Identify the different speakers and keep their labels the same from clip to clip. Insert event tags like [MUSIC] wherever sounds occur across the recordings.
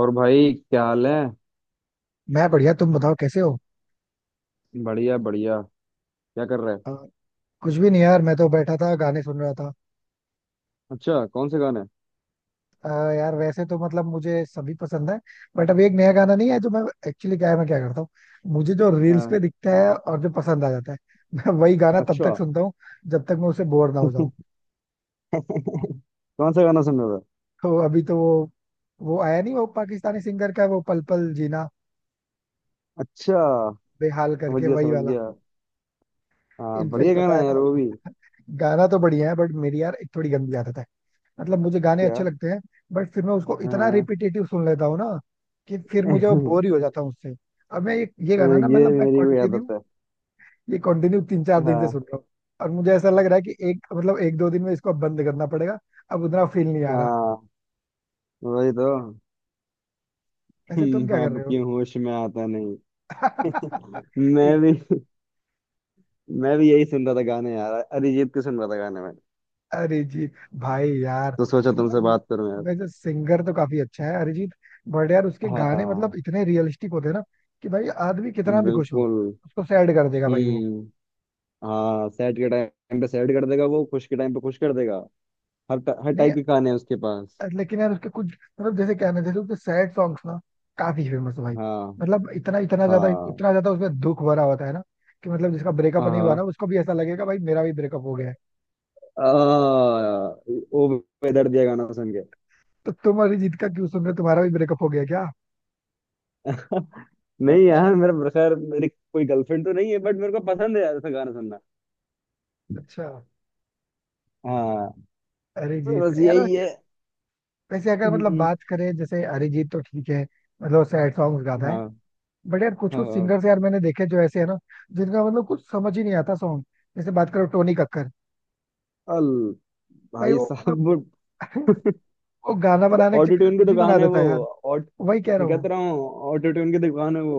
Speaker 1: और भाई, क्या हाल है।
Speaker 2: मैं बढ़िया। तुम बताओ कैसे हो।
Speaker 1: बढ़िया बढ़िया। क्या कर रहे हैं?
Speaker 2: अ, कुछ भी नहीं यार, मैं तो बैठा था गाने सुन रहा था।
Speaker 1: अच्छा, कौन से गाने?
Speaker 2: यार वैसे तो मतलब मुझे सभी पसंद है। बट अभी एक नया गाना नहीं है जो मैं एक्चुअली क्या है, मैं क्या करता हूँ। मुझे जो रील्स
Speaker 1: अ,
Speaker 2: पे दिखता है और जो पसंद आ जाता है [LAUGHS] मैं वही गाना तब
Speaker 1: अच्छा।
Speaker 2: तक सुनता हूँ जब तक मैं उससे बोर ना हो जाऊँ।
Speaker 1: [LAUGHS] कौन सा गाना सुन रहे हो?
Speaker 2: तो अभी तो वो आया नहीं, वो पाकिस्तानी सिंगर का वो पल पल जीना
Speaker 1: अच्छा
Speaker 2: बेहाल
Speaker 1: समझ
Speaker 2: करके,
Speaker 1: गया
Speaker 2: वही
Speaker 1: समझ
Speaker 2: वाला।
Speaker 1: गया। हाँ,
Speaker 2: इनफेक्ट
Speaker 1: बढ़िया गाना
Speaker 2: पता है
Speaker 1: है यार
Speaker 2: ना,
Speaker 1: वो भी।
Speaker 2: गाना तो बढ़िया है बट मेरी यार एक थोड़ी गंदी आदत है। मतलब मुझे गाने अच्छे
Speaker 1: क्या?
Speaker 2: लगते हैं बट फिर मैं उसको
Speaker 1: अ,
Speaker 2: इतना रिपीटेटिव सुन लेता हूँ ना कि फिर मुझे वो
Speaker 1: [LAUGHS]
Speaker 2: बोर ही हो जाता हूँ उससे। अब मैं ये गाना ना
Speaker 1: ये
Speaker 2: मतलब मैं
Speaker 1: मेरी भी आदत
Speaker 2: कंटिन्यू
Speaker 1: है।
Speaker 2: ये कंटिन्यू 3 4 दिन से सुन
Speaker 1: हाँ।
Speaker 2: रहा हूँ। और मुझे ऐसा लग रहा है कि एक मतलब एक दो दिन में इसको अब बंद करना पड़ेगा। अब उतना फील नहीं आ रहा।
Speaker 1: हाँ वही तो। [LAUGHS]
Speaker 2: ऐसे तुम क्या कर
Speaker 1: अब
Speaker 2: रहे हो।
Speaker 1: क्यों होश में आता नहीं।
Speaker 2: [LAUGHS]
Speaker 1: मैं
Speaker 2: एक-
Speaker 1: भी मैं भी यही सुन रहा था गाने यार, अरिजीत के सुन रहा था गाने में।
Speaker 2: अरिजीत, भाई यार।
Speaker 1: तो सोचा तुमसे
Speaker 2: मतलब वो-
Speaker 1: बात करूं यार।
Speaker 2: वैसे सिंगर तो काफी अच्छा है अरिजीत। बट यार उसके गाने मतलब
Speaker 1: हाँ।
Speaker 2: इतने रियलिस्टिक होते हैं ना कि भाई आदमी कितना भी खुश हो,
Speaker 1: बिल्कुल।
Speaker 2: उसको सैड कर देगा भाई वो।
Speaker 1: हम्म। हाँ सैड के टाइम पे सैड कर देगा, वो खुश के टाइम पे खुश कर देगा। हर
Speaker 2: नहीं,
Speaker 1: टाइप के गाने हैं उसके पास।
Speaker 2: लेकिन यार उसके कुछ मतलब जैसे क्या है ना, जैसे उसके सैड सॉन्ग्स ना काफी फेमस है भाई।
Speaker 1: हाँ।
Speaker 2: मतलब इतना
Speaker 1: हाँ।
Speaker 2: इतना ज्यादा उसमें दुख भरा होता है ना कि मतलब जिसका ब्रेकअप नहीं हुआ
Speaker 1: हाँ।
Speaker 2: ना उसको भी ऐसा लगेगा भाई मेरा भी ब्रेकअप हो गया है।
Speaker 1: आ, ओ बेदर्द दिया गाना सुन के।
Speaker 2: तो तुम अरिजीत का क्यों सुन रहे हो, तुम्हारा भी ब्रेकअप हो गया क्या?
Speaker 1: [LAUGHS] नहीं
Speaker 2: [LAUGHS]
Speaker 1: यार, मेरा खैर मेरी कोई गर्लफ्रेंड तो नहीं है, बट मेरे को पसंद है यार ऐसा गाना सुनना।
Speaker 2: अच्छा।
Speaker 1: हाँ।
Speaker 2: अरिजीत
Speaker 1: बस
Speaker 2: यार
Speaker 1: यही है।
Speaker 2: वैसे वैसे अगर मतलब
Speaker 1: हम्म।
Speaker 2: बात करें जैसे अरिजीत तो ठीक है। मतलब सैड सॉन्ग गाता है।
Speaker 1: हाँ
Speaker 2: बट यार कुछ
Speaker 1: हाँ
Speaker 2: कुछ
Speaker 1: हाँ।
Speaker 2: सिंगर्स यार मैंने देखे जो ऐसे है ना, जिनका मतलब कुछ समझ ही नहीं आता सॉन्ग। जैसे बात करो टोनी कक्कर,
Speaker 1: अल
Speaker 2: भाई
Speaker 1: भाई
Speaker 2: वो मतलब
Speaker 1: साहब। [LAUGHS]
Speaker 2: [LAUGHS] वो गाना बनाने के
Speaker 1: ऑटो
Speaker 2: चक्कर में
Speaker 1: ट्यून की
Speaker 2: कुछ भी बना
Speaker 1: दुकान है
Speaker 2: देता
Speaker 1: वो।
Speaker 2: है यार।
Speaker 1: ऑट
Speaker 2: वही कह रहा
Speaker 1: मैं
Speaker 2: हूँ।
Speaker 1: कहता रहा हूँ ऑटो ट्यून की दुकान है वो।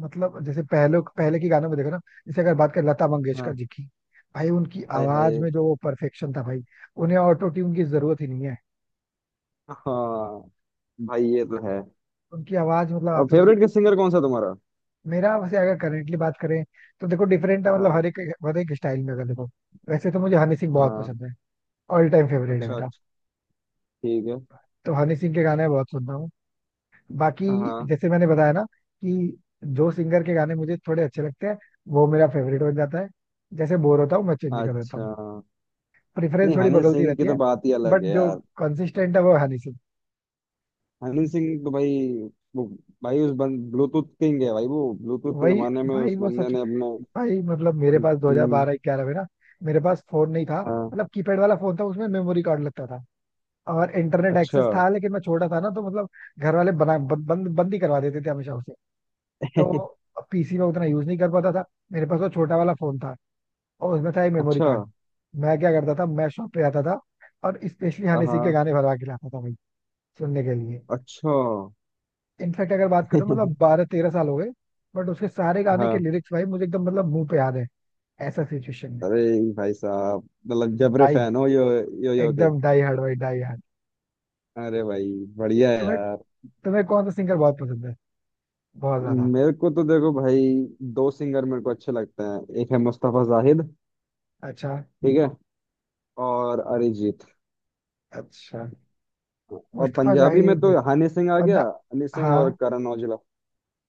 Speaker 2: मतलब जैसे पहले पहले के गानों में देखो ना, जैसे अगर बात करें लता मंगेशकर
Speaker 1: हाँ।
Speaker 2: जी की, भाई उनकी
Speaker 1: हाय
Speaker 2: आवाज
Speaker 1: हाय।
Speaker 2: में जो वो परफेक्शन था भाई, उन्हें ऑटो ट्यून की जरूरत ही नहीं है।
Speaker 1: हाँ, भाई ये तो है।
Speaker 2: उनकी आवाज मतलब
Speaker 1: और
Speaker 2: आपस में
Speaker 1: फेवरेट किस सिंगर कौन सा तुम्हारा?
Speaker 2: मेरा वैसे अगर करेंटली बात करें तो देखो डिफरेंट है मतलब
Speaker 1: हाँ।
Speaker 2: हर एक स्टाइल में अगर देखो, वैसे तो मुझे हनी सिंह बहुत
Speaker 1: हाँ।
Speaker 2: पसंद है। ऑल टाइम
Speaker 1: अच्छा
Speaker 2: फेवरेट है मेरा।
Speaker 1: अच्छा, ठीक है।
Speaker 2: तो हनी सिंह के गाने बहुत सुनता हूँ। बाकी
Speaker 1: हाँ।
Speaker 2: जैसे मैंने बताया ना कि जो सिंगर के गाने मुझे थोड़े अच्छे लगते हैं वो मेरा फेवरेट बन जाता है। जैसे बोर होता हूँ मैं चेंज कर देता
Speaker 1: अच्छा।
Speaker 2: हूँ। प्रेफरेंस
Speaker 1: नहीं,
Speaker 2: थोड़ी
Speaker 1: हनी
Speaker 2: बदलती
Speaker 1: सिंह की
Speaker 2: रहती
Speaker 1: तो
Speaker 2: है।
Speaker 1: बात ही अलग
Speaker 2: बट
Speaker 1: है
Speaker 2: जो
Speaker 1: यार।
Speaker 2: कंसिस्टेंट है वो हनी सिंह।
Speaker 1: हनी सिंह तो भाई, वो, भाई उस बंद ब्लूटूथ किंग है भाई, वो ब्लूटूथ के
Speaker 2: वही
Speaker 1: जमाने में
Speaker 2: भाई
Speaker 1: उस
Speaker 2: वो
Speaker 1: बंदे
Speaker 2: सच।
Speaker 1: ने अपने।
Speaker 2: भाई मतलब मेरे पास
Speaker 1: हम्म।
Speaker 2: 2012 11 में ना मेरे पास फोन नहीं था।
Speaker 1: हाँ।
Speaker 2: मतलब कीपैड वाला फोन था, उसमें मेमोरी कार्ड लगता था और इंटरनेट
Speaker 1: अच्छा।
Speaker 2: एक्सेस था, लेकिन मैं छोटा था ना तो मतलब घर वाले बना बंद बंद बंद ही करवा देते थे हमेशा उसे। तो
Speaker 1: [LAUGHS]
Speaker 2: पीसी में उतना यूज नहीं कर पाता था। मेरे पास वो छोटा वाला फोन था और उसमें था एक मेमोरी
Speaker 1: अच्छा।
Speaker 2: कार्ड। मैं क्या करता था, मैं शॉप पे आता था और स्पेशली हनी सिंह के
Speaker 1: हाँ।
Speaker 2: गाने भरवा के लाता था भाई सुनने के लिए।
Speaker 1: अच्छा।
Speaker 2: इनफैक्ट अगर बात करो मतलब
Speaker 1: [LAUGHS]
Speaker 2: 12 13 साल हो गए बट उसके सारे गाने के
Speaker 1: हाँ।
Speaker 2: लिरिक्स भाई मुझे एकदम मतलब मुंह पे याद है ऐसा सिचुएशन में।
Speaker 1: अरे भाई साहब, मतलब जबरे
Speaker 2: डाई
Speaker 1: फैन हो यो यो यो के।
Speaker 2: एकदम डाई हार्ड भाई, डाई हार्ड।
Speaker 1: अरे भाई बढ़िया है
Speaker 2: तुम्हें
Speaker 1: यार।
Speaker 2: तुम्हें कौन सा सिंगर बहुत पसंद है, बहुत ज्यादा?
Speaker 1: मेरे को तो देखो भाई, दो सिंगर मेरे को अच्छे लगते हैं, एक है मुस्तफा जाहिद।
Speaker 2: अच्छा
Speaker 1: ठीक है। और अरिजीत।
Speaker 2: अच्छा।
Speaker 1: और
Speaker 2: मुस्तफा
Speaker 1: पंजाबी में
Speaker 2: जाहिर,
Speaker 1: तो हनी सिंह आ गया।
Speaker 2: पंजाब।
Speaker 1: हनी सिंह
Speaker 2: हाँ,
Speaker 1: और करण औजला।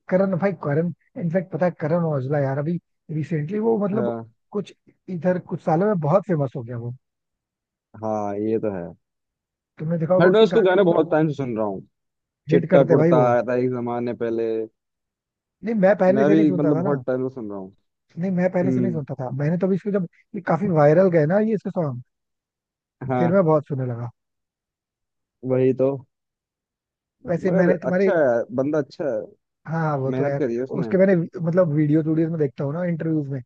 Speaker 2: करण भाई करण। इनफैक्ट पता है करण औजला यार अभी रिसेंटली वो मतलब
Speaker 1: हाँ।
Speaker 2: कुछ इधर कुछ सालों में बहुत फेमस हो गया वो।
Speaker 1: हाँ ये तो है।
Speaker 2: तुमने देखा होगा
Speaker 1: बट मैं
Speaker 2: उसके
Speaker 1: उसको
Speaker 2: गाने
Speaker 1: गाने
Speaker 2: मतलब
Speaker 1: बहुत टाइम से सुन रहा हूँ।
Speaker 2: हिट
Speaker 1: चिट्टा
Speaker 2: करते भाई
Speaker 1: कुर्ता
Speaker 2: वो।
Speaker 1: आया था एक जमाने पहले।
Speaker 2: नहीं मैं पहले
Speaker 1: मैं
Speaker 2: से नहीं
Speaker 1: भी
Speaker 2: सुनता
Speaker 1: मतलब
Speaker 2: था ना।
Speaker 1: बहुत टाइम से सुन रहा हूँ।
Speaker 2: नहीं मैं पहले से नहीं
Speaker 1: हम्म।
Speaker 2: सुनता था, मैंने तो अभी इसको जब ये काफी वायरल गए ना ये इसके सॉन्ग, फिर
Speaker 1: हाँ
Speaker 2: मैं बहुत सुनने लगा।
Speaker 1: वही तो।
Speaker 2: वैसे
Speaker 1: मगर
Speaker 2: मैंने तुम्हारे
Speaker 1: अच्छा है, बंदा अच्छा है।
Speaker 2: हाँ, वो तो
Speaker 1: मेहनत
Speaker 2: है।
Speaker 1: करी है उसने।
Speaker 2: उसके मैंने मतलब वीडियोस वीडियोस में देखता हूँ ना इंटरव्यूज में,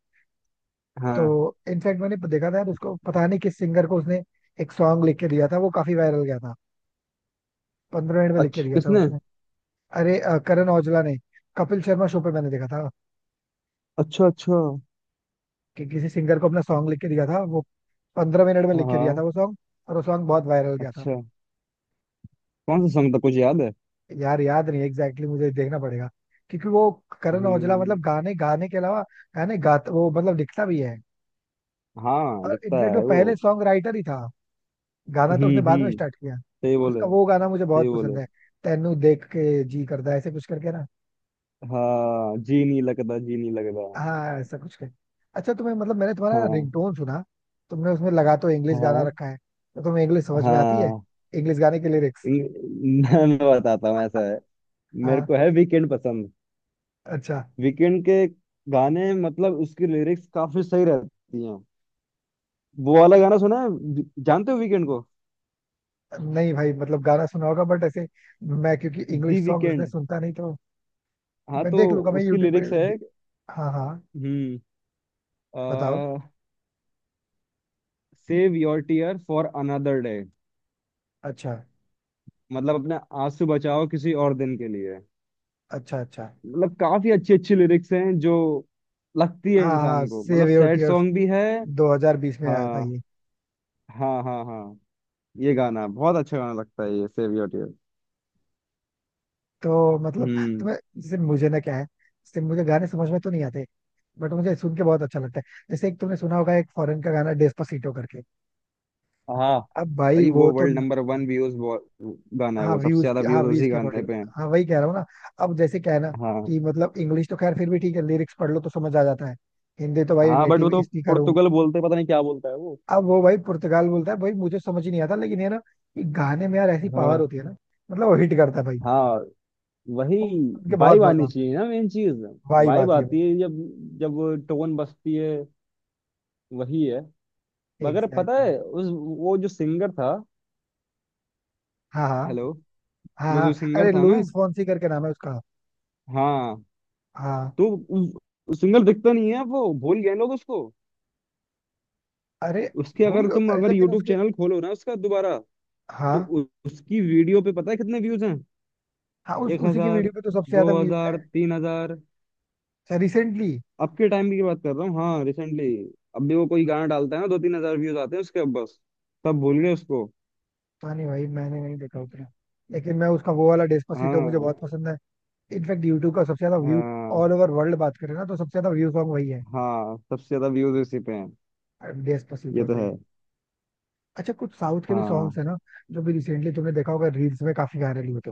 Speaker 2: तो
Speaker 1: हाँ।
Speaker 2: इनफैक्ट मैंने देखा था यार उसको पता नहीं किस सिंगर को उसने एक सॉन्ग लिख के दिया था वो काफी वायरल गया था। 15 मिनट में लिख के
Speaker 1: अच्छा
Speaker 2: दिया था
Speaker 1: किसने?
Speaker 2: उसने। अरे करण औजला ने कपिल शर्मा शो पे मैंने देखा था
Speaker 1: अच्छा अच्छा।
Speaker 2: कि किसी सिंगर को अपना सॉन्ग लिख के दिया था वो। 15 मिनट में लिख के दिया
Speaker 1: हाँ।
Speaker 2: था वो सॉन्ग, और वो सॉन्ग बहुत वायरल गया था।
Speaker 1: अच्छा कौन सा सॉन्ग था, कुछ याद है?
Speaker 2: यार याद नहीं एग्जैक्टली exactly मुझे देखना पड़ेगा, क्योंकि वो करण औजला
Speaker 1: हम्म।
Speaker 2: मतलब गाने गाने के अलावा, गाने गाता वो मतलब लिखता भी है।
Speaker 1: हाँ
Speaker 2: और
Speaker 1: लिखता है
Speaker 2: इनफैक्ट वो
Speaker 1: वो।
Speaker 2: पहले सॉन्ग राइटर ही था। गाना तो उसने बाद में
Speaker 1: हम्म।
Speaker 2: स्टार्ट किया।
Speaker 1: सही बोले।
Speaker 2: उसका वो गाना मुझे
Speaker 1: सही
Speaker 2: बहुत
Speaker 1: बोले।
Speaker 2: पसंद है, तेनू देख के जी करदा ऐसे कुछ करके ना,
Speaker 1: हाँ जी नहीं लगता, जी नहीं लगता।
Speaker 2: हाँ ऐसा कुछ कर। अच्छा, तुम्हें मतलब मैंने तुम्हारा
Speaker 1: हाँ
Speaker 2: रिंगटोन सुना, तुमने उसमें लगा तो इंग्लिश गाना
Speaker 1: हाँ
Speaker 2: रखा है, तो तुम्हें इंग्लिश समझ में आती है,
Speaker 1: हाँ।
Speaker 2: इंग्लिश गाने के लिरिक्स?
Speaker 1: मैं बताता हूँ ऐसा है। मेरे
Speaker 2: हाँ,
Speaker 1: को है वीकेंड पसंद।
Speaker 2: अच्छा।
Speaker 1: वीकेंड के गाने मतलब उसकी लिरिक्स काफी सही रहती हैं। वो वाला गाना सुना है, जानते हो वीकेंड को?
Speaker 2: नहीं भाई मतलब गाना सुना होगा बट ऐसे, मैं क्योंकि
Speaker 1: दी
Speaker 2: इंग्लिश सॉन्ग उसने
Speaker 1: वीकेंड।
Speaker 2: सुनता नहीं तो,
Speaker 1: हाँ
Speaker 2: मैं
Speaker 1: तो
Speaker 2: देख लूंगा मैं
Speaker 1: उसकी
Speaker 2: यूट्यूब पे।
Speaker 1: लिरिक्स है।
Speaker 2: हाँ हाँ,
Speaker 1: हम्म।
Speaker 2: बताओ।
Speaker 1: Save your tear for another day.
Speaker 2: अच्छा,
Speaker 1: मतलब अपने आंसू बचाओ किसी और दिन के लिए।
Speaker 2: अच्छा अच्छा।
Speaker 1: मतलब काफी अच्छी अच्छी लिरिक्स हैं जो लगती है
Speaker 2: हाँ हाँ,
Speaker 1: इंसान को, मतलब
Speaker 2: save your
Speaker 1: sad
Speaker 2: tears.
Speaker 1: Song भी है।
Speaker 2: 2020 में आया था
Speaker 1: हाँ
Speaker 2: ये।
Speaker 1: हाँ हाँ हाँ। ये गाना बहुत अच्छा गाना लगता है ये सेव योर टीयर।
Speaker 2: तो मतलब
Speaker 1: हम्म।
Speaker 2: तुम्हें जैसे मुझे ना क्या है, जैसे मुझे गाने समझ में तो नहीं आते बट मुझे सुन के बहुत अच्छा लगता है। जैसे एक तुमने सुना होगा एक फॉरेन का गाना डेस्पासीटो करके।
Speaker 1: हाँ
Speaker 2: अब भाई
Speaker 1: भाई,
Speaker 2: वो
Speaker 1: वो
Speaker 2: तो
Speaker 1: वर्ल्ड नंबर 1 व्यूज गाना है
Speaker 2: हाँ
Speaker 1: वो, सबसे
Speaker 2: व्यूज,
Speaker 1: ज्यादा
Speaker 2: हाँ
Speaker 1: व्यूज
Speaker 2: व्यूज
Speaker 1: उसी
Speaker 2: के
Speaker 1: गाने
Speaker 2: अकॉर्डिंग।
Speaker 1: पे हैं।
Speaker 2: हाँ वही कह रहा हूँ ना। अब जैसे क्या है ना
Speaker 1: हाँ
Speaker 2: कि मतलब इंग्लिश तो खैर फिर भी ठीक है लिरिक्स पढ़ लो तो समझ आ जाता है। हिंदी तो भाई
Speaker 1: हाँ। बट वो
Speaker 2: नेटिव
Speaker 1: तो
Speaker 2: स्पीकर हूँ।
Speaker 1: पुर्तगाल बोलते हैं, पता नहीं क्या बोलता है वो।
Speaker 2: अब वो भाई पुर्तगाल बोलता है भाई मुझे समझ ही नहीं आता, लेकिन ये ना कि गाने में यार ऐसी पावर
Speaker 1: हाँ
Speaker 2: होती है ना, मतलब वो हिट करता है भाई,
Speaker 1: हाँ वही।
Speaker 2: वो सुन के बहुत
Speaker 1: वाइब
Speaker 2: मजा
Speaker 1: आनी
Speaker 2: आता है।
Speaker 1: चाहिए ना, मेन चीज।
Speaker 2: वाही
Speaker 1: वाइब
Speaker 2: बात ये
Speaker 1: आती
Speaker 2: भाई,
Speaker 1: है जब जब टोन बजती है, वही है। मगर पता
Speaker 2: एग्जैक्टली।
Speaker 1: है उस, वो जो सिंगर था।
Speaker 2: हाँ हाँ
Speaker 1: हेलो।
Speaker 2: हाँ
Speaker 1: वो
Speaker 2: हाँ।
Speaker 1: जो सिंगर
Speaker 2: अरे
Speaker 1: था ना।
Speaker 2: लुइस फोंसी करके नाम है उसका।
Speaker 1: हाँ।
Speaker 2: हाँ।
Speaker 1: तो सिंगर दिखता नहीं है वो, भूल गए लोग उसको।
Speaker 2: अरे
Speaker 1: उसके अगर तुम
Speaker 2: अरे
Speaker 1: अगर
Speaker 2: लेकिन
Speaker 1: यूट्यूब
Speaker 2: उसके
Speaker 1: चैनल खोलो ना उसका दोबारा, तो
Speaker 2: हाँ
Speaker 1: उसकी वीडियो पे पता है कितने व्यूज हैं?
Speaker 2: हाँ, उस
Speaker 1: एक
Speaker 2: उसी के
Speaker 1: हजार
Speaker 2: वीडियो पे तो सबसे
Speaker 1: दो
Speaker 2: ज्यादा व्यूज है।
Speaker 1: हजार 3,000।
Speaker 2: अच्छा, रिसेंटली?
Speaker 1: अब के टाइम की बात कर रहा हूँ, हाँ रिसेंटली। अब भी वो कोई गाना डालता है ना 2-3 हजार व्यूज आते हैं उसके अब बस। सब भूल गए उसको।
Speaker 2: पता नहीं भाई मैंने नहीं देखा उतना, लेकिन मैं उसका वो वाला डेस्पासिटो मुझे
Speaker 1: हाँ
Speaker 2: बहुत पसंद है। इनफैक्ट यूट्यूब का सबसे ज्यादा व्यू,
Speaker 1: हाँ।
Speaker 2: ऑल ओवर वर्ल्ड बात करें ना तो सबसे ज्यादा व्यू सॉन्ग वही है,
Speaker 1: हाँ सबसे ज्यादा व्यूज इसी पे हैं। ये
Speaker 2: डेस्पासिटो
Speaker 1: तो
Speaker 2: पे।
Speaker 1: है।
Speaker 2: अच्छा, कुछ साउथ के भी सॉन्ग्स
Speaker 1: हाँ।
Speaker 2: है ना, जो भी रिसेंटली तुमने देखा होगा रील्स में काफी वायरल हुए थे,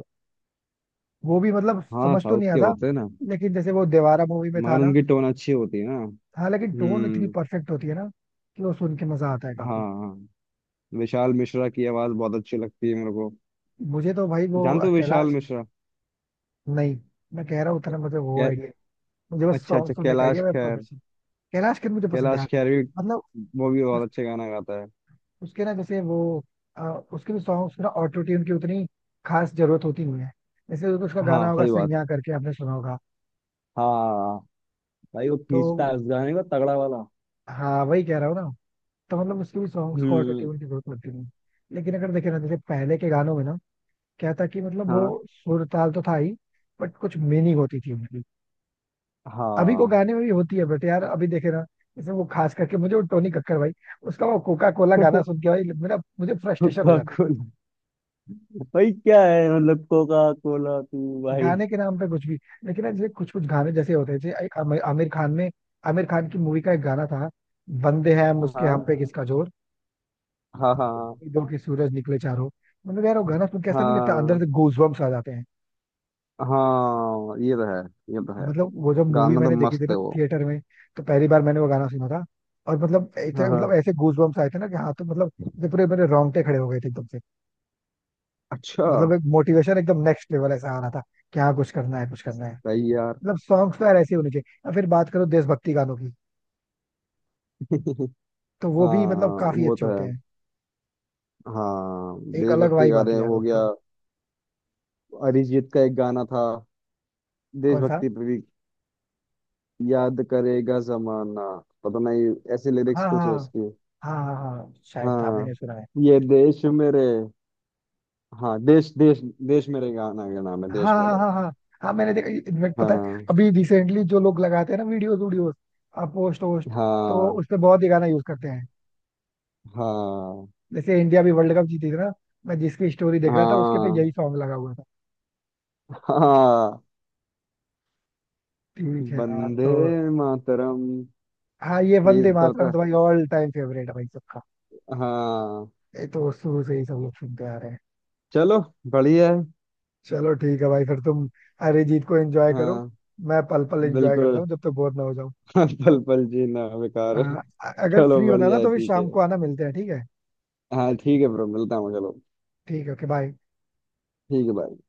Speaker 2: वो भी मतलब
Speaker 1: हाँ
Speaker 2: समझ तो
Speaker 1: साउथ
Speaker 2: नहीं
Speaker 1: के
Speaker 2: आता,
Speaker 1: होते हैं ना।
Speaker 2: लेकिन जैसे वो देवारा मूवी में था
Speaker 1: मगर
Speaker 2: ना,
Speaker 1: उनकी टोन अच्छी होती है ना।
Speaker 2: हाँ लेकिन टोन इतनी
Speaker 1: हम्म।
Speaker 2: परफेक्ट होती है ना कि वो सुन के मजा आता है
Speaker 1: हाँ
Speaker 2: काफी।
Speaker 1: हाँ। विशाल मिश्रा की आवाज बहुत अच्छी लगती है मेरे को।
Speaker 2: मुझे तो भाई वो
Speaker 1: जानते हो विशाल
Speaker 2: कैलाश
Speaker 1: मिश्रा?
Speaker 2: नहीं मैं कह रहा हूँ उतना मुझे वो
Speaker 1: क्या?
Speaker 2: आइडिया, मुझे बस
Speaker 1: अच्छा
Speaker 2: सॉन्ग
Speaker 1: अच्छा,
Speaker 2: सुनने का
Speaker 1: कैलाश
Speaker 2: आइडिया, मैं
Speaker 1: खेर।
Speaker 2: प्रोफेशन कैलाश खेर मुझे पसंद है
Speaker 1: कैलाश
Speaker 2: यार।
Speaker 1: खेर भी।
Speaker 2: मतलब
Speaker 1: वो भी
Speaker 2: उस,
Speaker 1: बहुत अच्छे गाना गाता है।
Speaker 2: उसके ना जैसे वो अ, उसके भी सॉन्ग्स ना ऑटो ट्यून की उतनी खास जरूरत होती नहीं है। जैसे उसका गाना
Speaker 1: हाँ
Speaker 2: होगा
Speaker 1: सही बात।
Speaker 2: सैया करके आपने सुना होगा,
Speaker 1: हाँ भाई वो खींचता
Speaker 2: तो
Speaker 1: है उस गाने को तगड़ा वाला।
Speaker 2: हाँ वही कह रहा हूँ ना। तो मतलब उसके भी सॉन्ग्स को ऑटो
Speaker 1: हम्म।
Speaker 2: ट्यून की जरूरत लगती नहीं। लेकिन अगर देखे ना जैसे पहले के गानों में ना, क्या था कि मतलब वो
Speaker 1: हाँ
Speaker 2: सुर ताल तो था ही बट कुछ मीनिंग होती थी उनकी। अभी को
Speaker 1: हाँ।
Speaker 2: गाने में भी होती है बट यार अभी देखे ना, जैसे वो खास करके मुझे वो टोनी कक्कर भाई, उसका वो कोका कोला गाना सुन
Speaker 1: [LAUGHS]
Speaker 2: के भाई मेरा मुझे फ्रस्ट्रेशन हो
Speaker 1: कोका
Speaker 2: जाती है।
Speaker 1: कोला। भाई क्या है, मतलब कोका कोला तू भाई।
Speaker 2: गाने के नाम पे कुछ भी। लेकिन ना जैसे कुछ कुछ गाने जैसे होते हैं, जैसे एक आमिर आमिर खान में आमिर खान की मूवी का एक गाना था, बंदे हैं हम उसके
Speaker 1: हाँ
Speaker 2: हम पे किसका जोर,
Speaker 1: हाँ हाँ
Speaker 2: दो के सूरज निकले चारों। मतलब यार वो गाना सुन के ऐसा नहीं लगता, अंदर से
Speaker 1: हाँ।
Speaker 2: गूजबम्स आ जाते हैं।
Speaker 1: हाँ ये तो है। ये तो है।
Speaker 2: मतलब वो जब मूवी
Speaker 1: गाना तो
Speaker 2: मैंने देखी थी
Speaker 1: मस्त
Speaker 2: ना
Speaker 1: है वो।
Speaker 2: थिएटर में, तो पहली बार मैंने वो गाना सुना था और
Speaker 1: हाँ
Speaker 2: मतलब
Speaker 1: हाँ।
Speaker 2: ऐसे गूजबम्स आए थे ना कि हाँ तो मतलब जब पूरे मेरे रोंगटे खड़े हो गए थे एकदम से।
Speaker 1: अच्छा।
Speaker 2: मतलब एक मोटिवेशन एकदम नेक्स्ट लेवल ऐसा आ रहा था, कि हाँ कुछ करना है कुछ करना है।
Speaker 1: सही यार।
Speaker 2: मतलब सॉन्ग्स तो यार ऐसे ही होने चाहिए, और फिर बात करो देशभक्ति गानों की,
Speaker 1: [LAUGHS]
Speaker 2: तो
Speaker 1: हाँ
Speaker 2: वो भी मतलब काफी
Speaker 1: वो
Speaker 2: अच्छे
Speaker 1: तो
Speaker 2: होते
Speaker 1: है।
Speaker 2: हैं।
Speaker 1: हाँ
Speaker 2: एक अलग
Speaker 1: देशभक्ति
Speaker 2: वाइब आती
Speaker 1: गाने
Speaker 2: है यार
Speaker 1: हो गया।
Speaker 2: उनको।
Speaker 1: अरिजीत का एक गाना था
Speaker 2: कौन सा?
Speaker 1: देशभक्ति पे भी। याद करेगा जमाना, पता नहीं ऐसे लिरिक्स
Speaker 2: हाँ
Speaker 1: कुछ
Speaker 2: हाँ
Speaker 1: है उसकी।
Speaker 2: हाँ हाँ, हाँ शायद था
Speaker 1: हाँ।
Speaker 2: मैंने सुना है।
Speaker 1: ये देश मेरे। हाँ, देश देश, देश मेरे गाना का नाम है,
Speaker 2: हाँ
Speaker 1: देश
Speaker 2: हाँ
Speaker 1: मेरे।
Speaker 2: हाँ हाँ। हाँ मैंने देखा इनफैक्ट पता है,
Speaker 1: हाँ
Speaker 2: अभी रिसेंटली जो लोग लगाते हैं ना वीडियोस वीडियोस पोस्ट वोस्ट, तो
Speaker 1: हाँ
Speaker 2: उस पे बहुत ही गाना यूज करते हैं।
Speaker 1: हाँ
Speaker 2: जैसे इंडिया भी वर्ल्ड कप जीती थी ना, मैं जिसकी स्टोरी देख रहा था उसके पे
Speaker 1: हाँ
Speaker 2: यही सॉन्ग लगा हुआ था।
Speaker 1: हाँ।
Speaker 2: ठीक है यार तो
Speaker 1: बंदे मातरम।
Speaker 2: हाँ, ये
Speaker 1: यही
Speaker 2: वंदे
Speaker 1: तो होता
Speaker 2: मातरम तो
Speaker 1: है।
Speaker 2: भाई ऑल टाइम फेवरेट है भाई सबका।
Speaker 1: हाँ।
Speaker 2: ये तो शुरू से ही सब लोग सुनते आ रहे हैं।
Speaker 1: चलो बढ़िया है।
Speaker 2: चलो ठीक है भाई, फिर तुम अरिजीत को एंजॉय करो,
Speaker 1: हाँ
Speaker 2: मैं पल पल एंजॉय
Speaker 1: बिल्कुल।
Speaker 2: करता हूँ जब तक बोर ना हो जाऊँ।
Speaker 1: हाँ, पल पल जीना बेकार है।
Speaker 2: अगर
Speaker 1: चलो
Speaker 2: फ्री होना
Speaker 1: बढ़िया
Speaker 2: ना
Speaker 1: है,
Speaker 2: तो फिर
Speaker 1: ठीक है।
Speaker 2: शाम को आना, मिलते हैं ठीक है।
Speaker 1: हाँ ठीक है ब्रो, मिलता हूँ, चलो।
Speaker 2: ठीक है, ओके बाय।
Speaker 1: ठीक है bye।